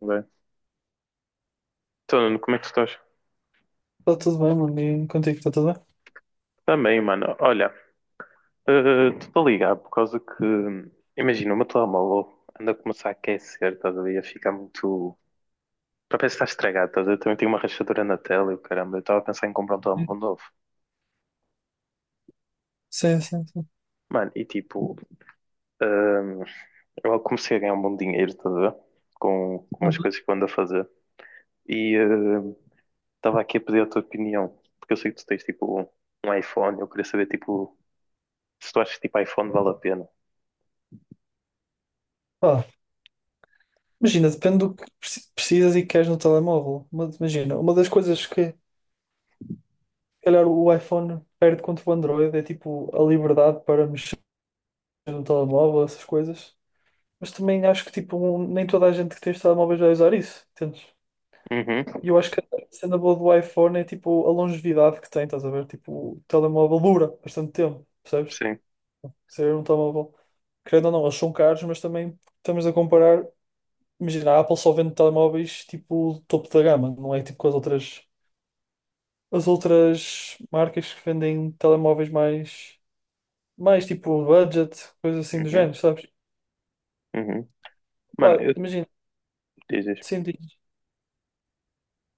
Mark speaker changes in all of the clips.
Speaker 1: Bem. Então, Nuno, como é que tu estás?
Speaker 2: Está tudo bem, mano. E contigo, está tudo
Speaker 1: Também, mano. Olha, estou a ligar por causa que, imagina, o meu telemóvel anda a começar a aquecer, estás a ver? A ficar muito. Para ver se está estragado, estás a ver? Também tenho uma rachadura na tela e o caramba, eu estava a pensar em comprar um telemóvel
Speaker 2: bem?
Speaker 1: novo.
Speaker 2: Sim, sim, sim.
Speaker 1: Mano, e tipo, hum, eu comecei a ganhar um bom dinheiro, estás a ver? Com umas
Speaker 2: Ah,
Speaker 1: coisas que eu ando a fazer. E estava aqui a pedir a tua opinião, porque eu sei que tu tens tipo um iPhone, eu queria saber tipo se tu achas que tipo iPhone vale a pena.
Speaker 2: pá, imagina, depende do que precisas e queres no telemóvel. Mas imagina, uma das coisas que, se calhar, o iPhone perde contra o Android é tipo a liberdade para mexer no telemóvel, essas coisas. Mas também acho que tipo, nem toda a gente que tem os telemóveis vai usar isso, entendes?
Speaker 1: Uhum.
Speaker 2: E eu acho que a cena boa do iPhone é tipo a longevidade que tem, estás a ver? Tipo, o telemóvel dura bastante tempo, percebes?
Speaker 1: Sim.
Speaker 2: Ser um telemóvel. Querendo ou não, eles são caros, mas também estamos a comparar. Imagina, a Apple só vende telemóveis tipo topo da gama, não é tipo com as outras marcas que vendem telemóveis mais tipo budget, coisas assim do
Speaker 1: Uhum,
Speaker 2: género, sabes?
Speaker 1: uhum. Mano,
Speaker 2: Pá,
Speaker 1: eu
Speaker 2: imagina,
Speaker 1: diz, diz.
Speaker 2: sim,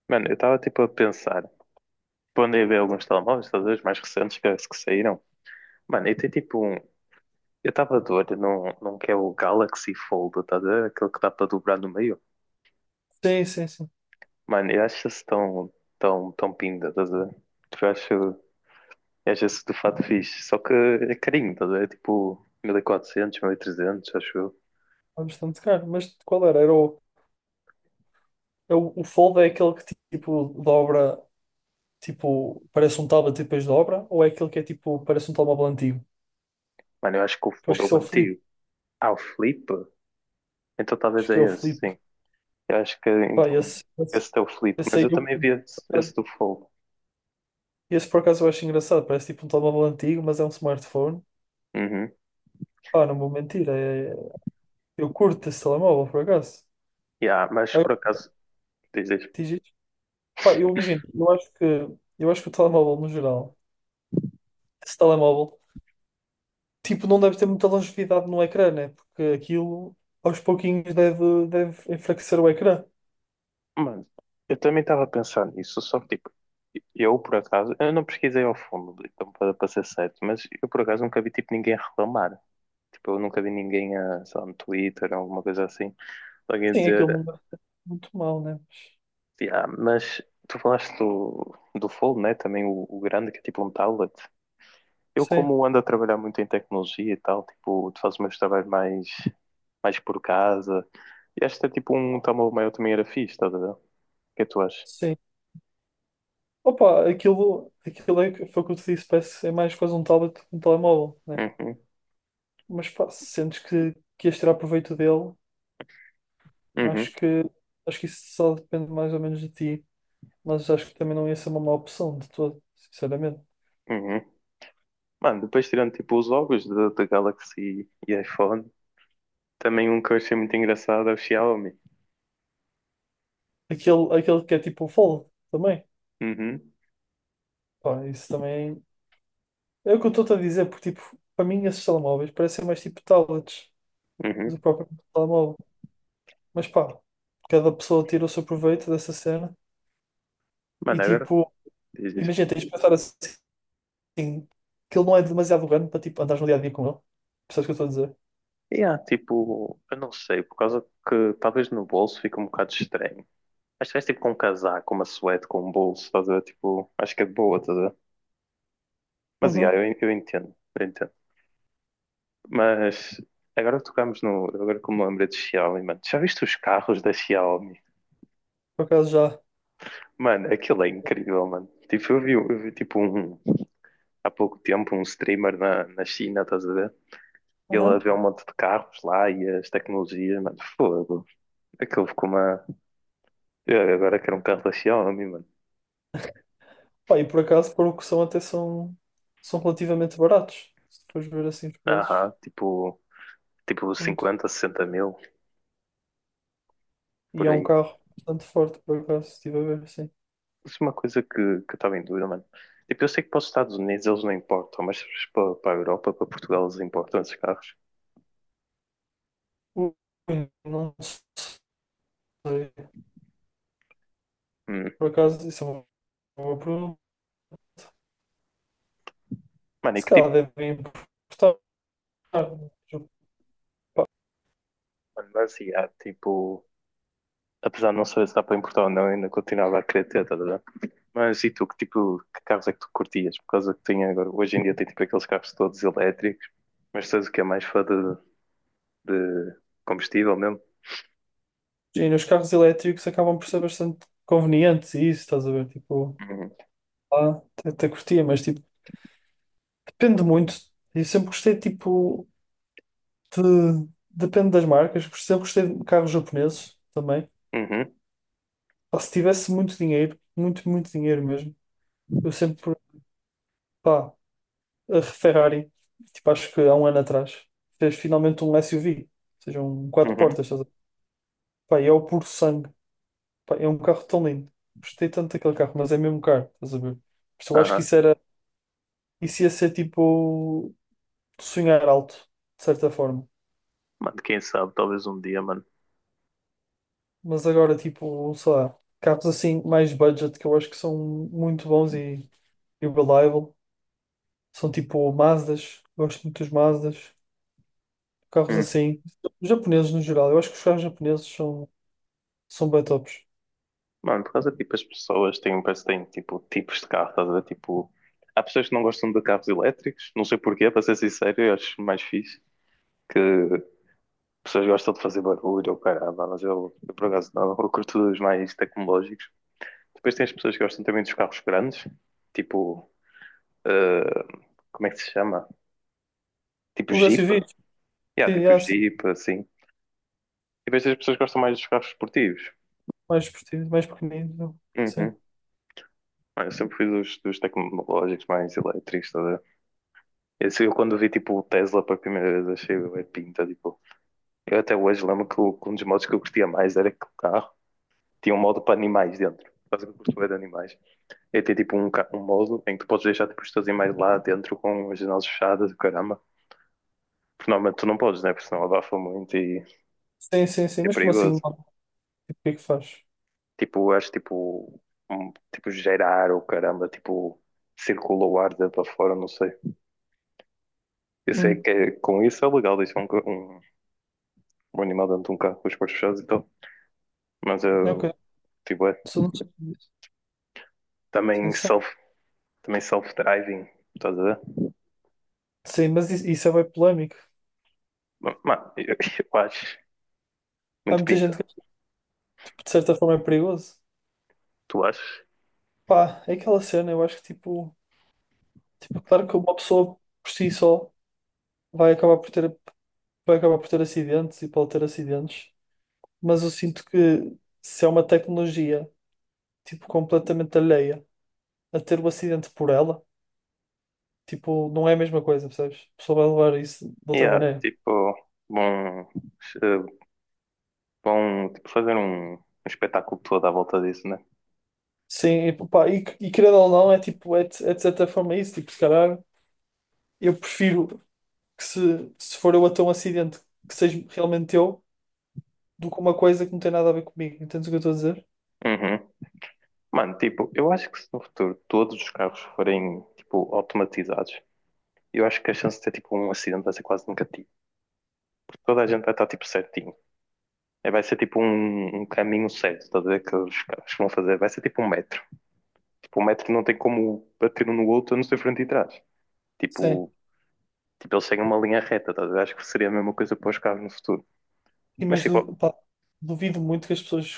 Speaker 1: Mano, eu estava tipo a pensar, tipo, andei a ver alguns telemóveis, estás a ver, os mais recentes que saíram. Mano, eu tenho tipo um. Eu estava de olho num que é o Galaxy Fold, estás a ver? Aquele que dá para dobrar no meio.
Speaker 2: sim, sim, sim,
Speaker 1: Mano, eu acho isso tão, tão, tão pinda, estás a ver? Tipo, eu acho isso de fato fixe. Só que é carinho, estás a ver? É tipo, 1.400, 1.300 acho eu.
Speaker 2: é bastante caro, mas qual era? O Fold é aquele que tipo dobra, tipo, parece um tablet e depois dobra, ou é aquele que é tipo, parece um telemóvel antigo?
Speaker 1: Mano, eu acho que o
Speaker 2: Eu acho
Speaker 1: Fold é
Speaker 2: que isso
Speaker 1: o
Speaker 2: é o Flip,
Speaker 1: antigo. Ah, o Flip? Então talvez
Speaker 2: acho que é o
Speaker 1: é esse,
Speaker 2: Flip,
Speaker 1: sim. Eu acho que
Speaker 2: pá,
Speaker 1: então
Speaker 2: esse, esse,
Speaker 1: esse teu Filipe,
Speaker 2: esse
Speaker 1: mas
Speaker 2: aí
Speaker 1: eu
Speaker 2: eu
Speaker 1: também vi
Speaker 2: curto.
Speaker 1: esse, do Fogo.
Speaker 2: Esse por acaso eu acho engraçado, parece tipo um telemóvel antigo, mas é um smartphone.
Speaker 1: Uhum.
Speaker 2: Pá, não vou mentir, eu curto esse telemóvel por acaso.
Speaker 1: Yeah, mas por
Speaker 2: Agora,
Speaker 1: acaso, diz, diz.
Speaker 2: diz isto. Pá, eu imagino, eu acho que o telemóvel no geral, esse telemóvel, tipo, não deve ter muita longevidade no ecrã, né? Porque aquilo aos pouquinhos deve enfraquecer o ecrã.
Speaker 1: Mano, eu também estava a pensar nisso, só que tipo, eu por acaso, eu não pesquisei ao fundo, então para ser certo, mas eu por acaso nunca vi tipo ninguém a reclamar. Tipo, eu nunca vi ninguém, a, sei lá, no Twitter, alguma coisa assim, alguém a
Speaker 2: Sim, aquilo
Speaker 1: dizer,
Speaker 2: não deve ser muito mal, né?
Speaker 1: yeah, mas tu falaste do Fold, né? Também o grande, que é tipo um tablet. Eu,
Speaker 2: Sim,
Speaker 1: como ando a trabalhar muito em tecnologia e tal, tipo, tu fazes meus trabalhos mais por casa. E acho que é, tipo um tamanho maior também era fixe, estás a ver? O que é que tu achas?
Speaker 2: sim. Opa, aquilo é, foi o que eu te disse, parece é mais quase um tablet que um telemóvel, né?
Speaker 1: Uhum,
Speaker 2: Mas pá, se sentes que ias tirar proveito dele.
Speaker 1: uhum,
Speaker 2: Acho que, acho que isso só depende mais ou menos de ti, mas acho que também não ia ser uma má opção de todo, sinceramente.
Speaker 1: uhum. Mano, depois tirando tipo os logos da Galaxy e iPhone, também um que eu achei muito engraçado é o Xiaomi.
Speaker 2: Aquele que é tipo o Fold também,
Speaker 1: Uhum,
Speaker 2: pá, isso também é o que eu estou-te a dizer, porque tipo, para mim esses telemóveis parecem mais tipo tablets
Speaker 1: uhum.
Speaker 2: do próprio telemóvel, mas pá, cada pessoa tira o seu proveito dessa cena e
Speaker 1: Mano, agora
Speaker 2: tipo,
Speaker 1: diz isso.
Speaker 2: imagina, tens de pensar assim, que ele não é demasiado grande para tipo andares no dia a dia com ele, percebes o que eu estou a dizer?
Speaker 1: E há tipo, eu não sei, por causa que talvez no bolso fica um bocado estranho. Acho que vais tipo com um casaco, uma suéte com um bolso, estás a ver? Tipo, acho que é de boa, estás a ver? Mas yeah,
Speaker 2: Uhum,
Speaker 1: eu entendo, eu entendo. Mas agora que tocamos no. Agora como me lembrei de Xiaomi, mano. Já viste os carros da Xiaomi?
Speaker 2: por acaso já.
Speaker 1: Mano, aquilo é incrível, mano. Tipo, eu vi tipo um, há pouco tempo um streamer na China, estás a ver? Ele a
Speaker 2: Uhum.
Speaker 1: ver um monte de carros lá e as tecnologias, mano, fogo. Aquilo ficou uma. Eu agora quero um carro da Xiaomi, mano.
Speaker 2: Pá, e por acaso, para o que são, até são relativamente baratos. Se tu fores ver assim os preços,
Speaker 1: Aham, tipo,
Speaker 2: são
Speaker 1: 50, 60 mil,
Speaker 2: e
Speaker 1: por
Speaker 2: é um
Speaker 1: aí.
Speaker 2: carro bastante forte, por acaso, se estive a ver assim.
Speaker 1: Isso é uma coisa que eu estava em dúvida, mano. Tipo, eu sei que para os Estados Unidos eles não importam, mas para a Europa, para Portugal, eles importam esses carros.
Speaker 2: Ui, não sei.
Speaker 1: Hum.
Speaker 2: Por acaso, isso é uma boa pergunta.
Speaker 1: Mano, e
Speaker 2: Se
Speaker 1: que
Speaker 2: calhar
Speaker 1: tipo,
Speaker 2: devem importar.
Speaker 1: mano, mas yeah, tipo, apesar de não saber se dá para importar ou não, ainda continuava a querer ter, tá, tá, tá. Mas e tu, que tipo, que carros é que tu curtias? Por causa que tem agora, hoje em dia tem tipo aqueles carros todos elétricos, mas tu és o que é mais fã de combustível mesmo?
Speaker 2: E nos carros elétricos acabam por ser bastante convenientes, e isso, estás a ver? Tipo,
Speaker 1: Uhum,
Speaker 2: lá até curtia, mas tipo, depende muito. Eu sempre gostei, tipo. Depende das marcas. Eu gostei de carros japoneses também.
Speaker 1: uhum,
Speaker 2: Pá, se tivesse muito dinheiro, muito, muito dinheiro mesmo, eu sempre, pá, a Ferrari, tipo, acho que há um ano atrás, fez finalmente um SUV, ou seja, um quatro
Speaker 1: uhum.
Speaker 2: portas. Estás a ver? Pá, e é o puro sangue. Pá, é um carro tão lindo. Gostei tanto daquele carro, mas é mesmo caro, estás a ver? Por isso eu acho que
Speaker 1: Aham.
Speaker 2: isso ia ser tipo sonhar alto, de certa forma.
Speaker 1: Mano, quem sabe, talvez um dia, mano.
Speaker 2: Mas agora, tipo, sei lá, carros assim, mais budget, que eu acho que são muito bons e o Reliable. São tipo Mazdas, gosto muito dos Mazdas, carros
Speaker 1: Hum.
Speaker 2: assim. Os japoneses no geral, eu acho que os carros japoneses são bem tops.
Speaker 1: Mano, por causa, tipo, as pessoas têm, parece que têm, tipo, tipos de carro, estás a ver? Tipo, há pessoas que não gostam de carros elétricos, não sei porquê, para ser sincero, eu acho mais fixe que pessoas gostam de fazer barulho ou caralho, mas eu, por acaso, não, eu curto os mais tecnológicos. Depois tem as pessoas que gostam também dos carros grandes, tipo, eh, como é que se chama? Tipo
Speaker 2: Os
Speaker 1: Jeep?
Speaker 2: SUVs,
Speaker 1: Yeah,
Speaker 2: sim,
Speaker 1: tipo
Speaker 2: há sim,
Speaker 1: Jeep, assim. E depois tem as pessoas que gostam mais dos carros esportivos.
Speaker 2: mais esportivos, mais pequeninos. Não sei.
Speaker 1: Uhum. Mano, eu sempre fui dos tecnológicos mais elétricos, tá? Esse, eu quando vi tipo o Tesla pela primeira vez achei bué pinta, tipo. Eu até hoje lembro que um dos modos que eu curtia mais era que o carro tinha um modo para animais dentro. Quase que eu curto bué de animais. E tem tipo um modo em que tu podes deixar tipo, os teus animais lá dentro com as janelas fechadas, caramba. Porque normalmente tu não podes, né? Porque senão abafa muito e
Speaker 2: Sim, sim, sim,
Speaker 1: é
Speaker 2: mas como assim?
Speaker 1: perigoso.
Speaker 2: Não? Tipo, o que é que faz?
Speaker 1: Tipo, eu acho tipo, um, tipo gerar ou caramba, tipo, circula o ar dentro para fora, não sei. Eu sei
Speaker 2: Hum,
Speaker 1: que com isso é legal deixar um animal dentro de um carro com as portas fechadas e tal. Mas
Speaker 2: ok.
Speaker 1: eu tipo, é
Speaker 2: Isso não sei disso.
Speaker 1: também
Speaker 2: Atenção.
Speaker 1: self, também self-driving, estás a ver?
Speaker 2: Sim, mas isso é bem polémico.
Speaker 1: Mano, eu acho
Speaker 2: Há
Speaker 1: muito
Speaker 2: muita gente
Speaker 1: pinta.
Speaker 2: que tipo, de certa forma é perigoso.
Speaker 1: Tu achas?
Speaker 2: Pá, é aquela cena, eu acho que tipo, claro que uma pessoa por si só vai acabar por ter, vai acabar por ter acidentes e pode ter acidentes. Mas eu sinto que se é uma tecnologia, tipo, completamente alheia a ter o acidente por ela, tipo, não é a mesma coisa, percebes? A pessoa vai levar isso de outra
Speaker 1: Yeah,
Speaker 2: maneira.
Speaker 1: tipo, bom, eh, bom, tipo, fazer um espetáculo todo à volta disso, né?
Speaker 2: Sim, e, pá, e querendo ou não, é tipo, é de certa forma isso, tipo, se calhar eu prefiro que se for eu a ter um acidente que seja realmente eu, do que uma coisa que não tem nada a ver comigo, entendes o que eu estou a dizer?
Speaker 1: Uhum. Mano, tipo, eu acho que se no futuro todos os carros forem, tipo, automatizados, eu acho que a chance de ter, tipo, um acidente vai ser quase negativa. Toda a gente vai estar, tipo, certinho. É, vai ser, tipo, um caminho certo, estás a ver? Que os carros vão fazer. Vai ser, tipo, um metro. O metro não tem como bater um no outro, a não ser frente e trás.
Speaker 2: Sim,
Speaker 1: Tipo, tipo eles seguem uma linha reta, tá? A acho que seria a mesma coisa para os carros no futuro.
Speaker 2: e
Speaker 1: Mas
Speaker 2: mas
Speaker 1: tipo,
Speaker 2: pá, duvido muito que as pessoas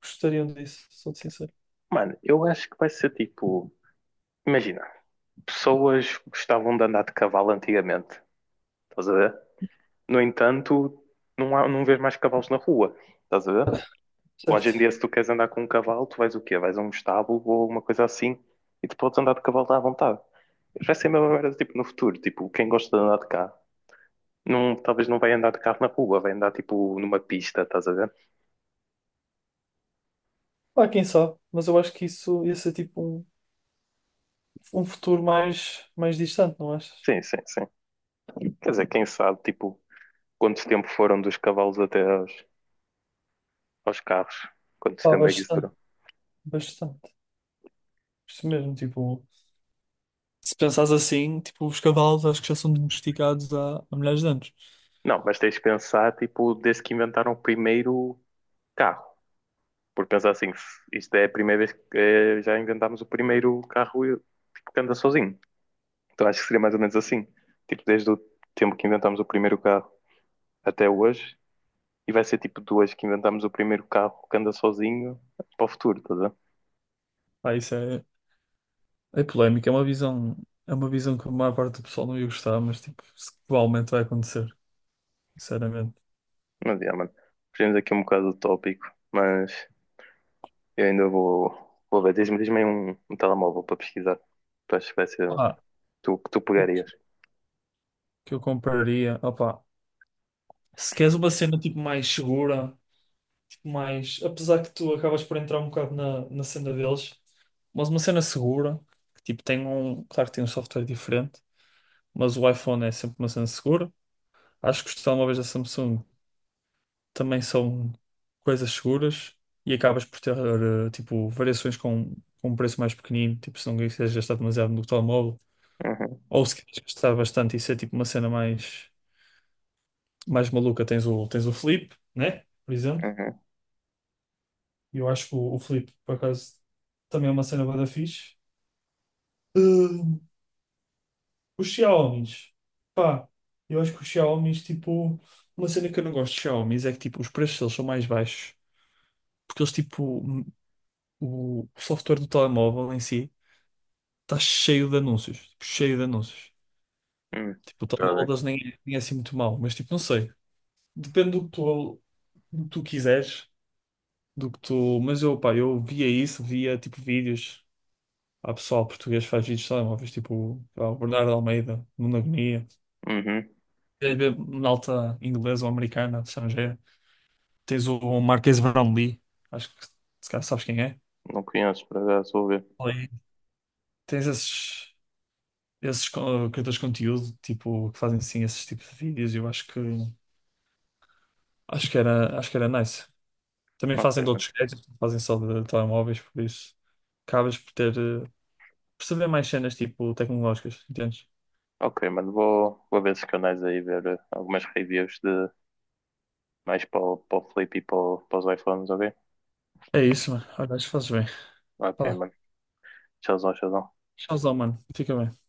Speaker 2: gostariam disso, sou sincero,
Speaker 1: mano, eu acho que vai ser tipo. Imagina, pessoas gostavam de andar de cavalo antigamente, estás a ver? No entanto, não, há, não vês mais cavalos na rua, estás a ver? Hoje
Speaker 2: certo?
Speaker 1: em dia, se tu queres andar com um cavalo, tu vais o quê? Vais a um estábulo ou uma coisa assim e tu podes andar de cavalo à vontade. Vai ser a mesma merda tipo, no futuro. Tipo, quem gosta de andar de carro. Não, talvez não vai andar de carro na rua, vai andar tipo numa pista, estás a ver?
Speaker 2: Pá, quem sabe, mas eu acho que isso ia ser tipo um futuro mais distante, não achas?
Speaker 1: Sim, sim, sim. Quer dizer, quem sabe, tipo, quanto tempo foram dos cavalos até aos carros? Quanto
Speaker 2: Pá,
Speaker 1: tempo é que isso durou?
Speaker 2: bastante, bastante. Isto mesmo, tipo, se pensares assim, tipo, os cavalos acho que já são domesticados há milhares de anos.
Speaker 1: Não, mas tens de pensar, tipo, desde que inventaram o primeiro carro. Porque pensar assim, isto é a primeira vez que já inventámos o primeiro carro tipo, que anda sozinho. Então acho que seria mais ou menos assim. Tipo, desde o tempo que inventámos o primeiro carro até hoje, e vai ser tipo de hoje que inventámos o primeiro carro que anda sozinho para o futuro, estás a ver?
Speaker 2: Pá, isso é polémico, é uma visão que a maior parte do pessoal não ia gostar, mas tipo, provavelmente vai acontecer, sinceramente.
Speaker 1: Mas, yeah, mano, fugimos aqui um bocado do tópico, mas eu ainda vou ver. Diz-me, diz-me aí um telemóvel para pesquisar. Tu achas que vai ser
Speaker 2: Pá,
Speaker 1: tu que tu
Speaker 2: o que
Speaker 1: pegarias?
Speaker 2: que eu compraria, opá, se queres uma cena tipo mais segura. Mas apesar que tu acabas por entrar um bocado na cena deles, mas uma cena segura, que tipo claro que tem um software diferente, mas o iPhone é sempre uma cena segura. Acho que os telemóveis da Samsung também são coisas seguras e acabas por ter tipo variações com um preço mais pequenino, tipo se não quiseres gastar demasiado no telemóvel,
Speaker 1: Uhum,
Speaker 2: ou se queres gastar bastante e ser tipo uma cena mais maluca, tens o Flip, né? Por exemplo.
Speaker 1: uhum,
Speaker 2: E eu acho que o Flip, por acaso, também é uma cena bué da fixe. Ahn, os Xiaomis. Pá, eu acho que os Xiaomis, tipo, uma cena que eu não gosto de Xiaomis é que, tipo, os preços deles são mais baixos. Porque eles, tipo, o software do telemóvel em si está cheio de anúncios. Tipo, cheio de anúncios.
Speaker 1: uhum.
Speaker 2: Tipo, o
Speaker 1: Tá
Speaker 2: telemóvel
Speaker 1: bem.
Speaker 2: deles nem é assim muito mau, mas, tipo, não sei. Depende do que tu quiseres, do que tu. Mas eu, pá, eu via isso, via, tipo, vídeos. Há pessoal português que faz vídeos de telemóveis, tipo, pá, o Bernardo Almeida, Nuno Agonia.
Speaker 1: Uhum.
Speaker 2: Queres ver malta inglesa ou americana, estrangeira? Tens o Marques Brownlee, acho que se calhar sabes quem é.
Speaker 1: Não conheço, por acaso, vou ver.
Speaker 2: Ali Tens esses criadores de conteúdo, tipo, que fazem sim esses tipos de vídeos, eu acho que era nice. Também
Speaker 1: Ok,
Speaker 2: fazem de
Speaker 1: mano.
Speaker 2: outros gadgets, não fazem só de telemóveis, por isso acabas por ter, por saber mais cenas tipo tecnológicas, entendes?
Speaker 1: Ok, mano, vou ver esses canais aí, ver algumas reviews de mais para para o Flip e para os iPhones, ok?
Speaker 2: É isso, mano. Olha, acho que fazes bem.
Speaker 1: Ok,
Speaker 2: Pá,
Speaker 1: mano. Tchauzão, tchauzão.
Speaker 2: tchauzão, mano. Fica bem.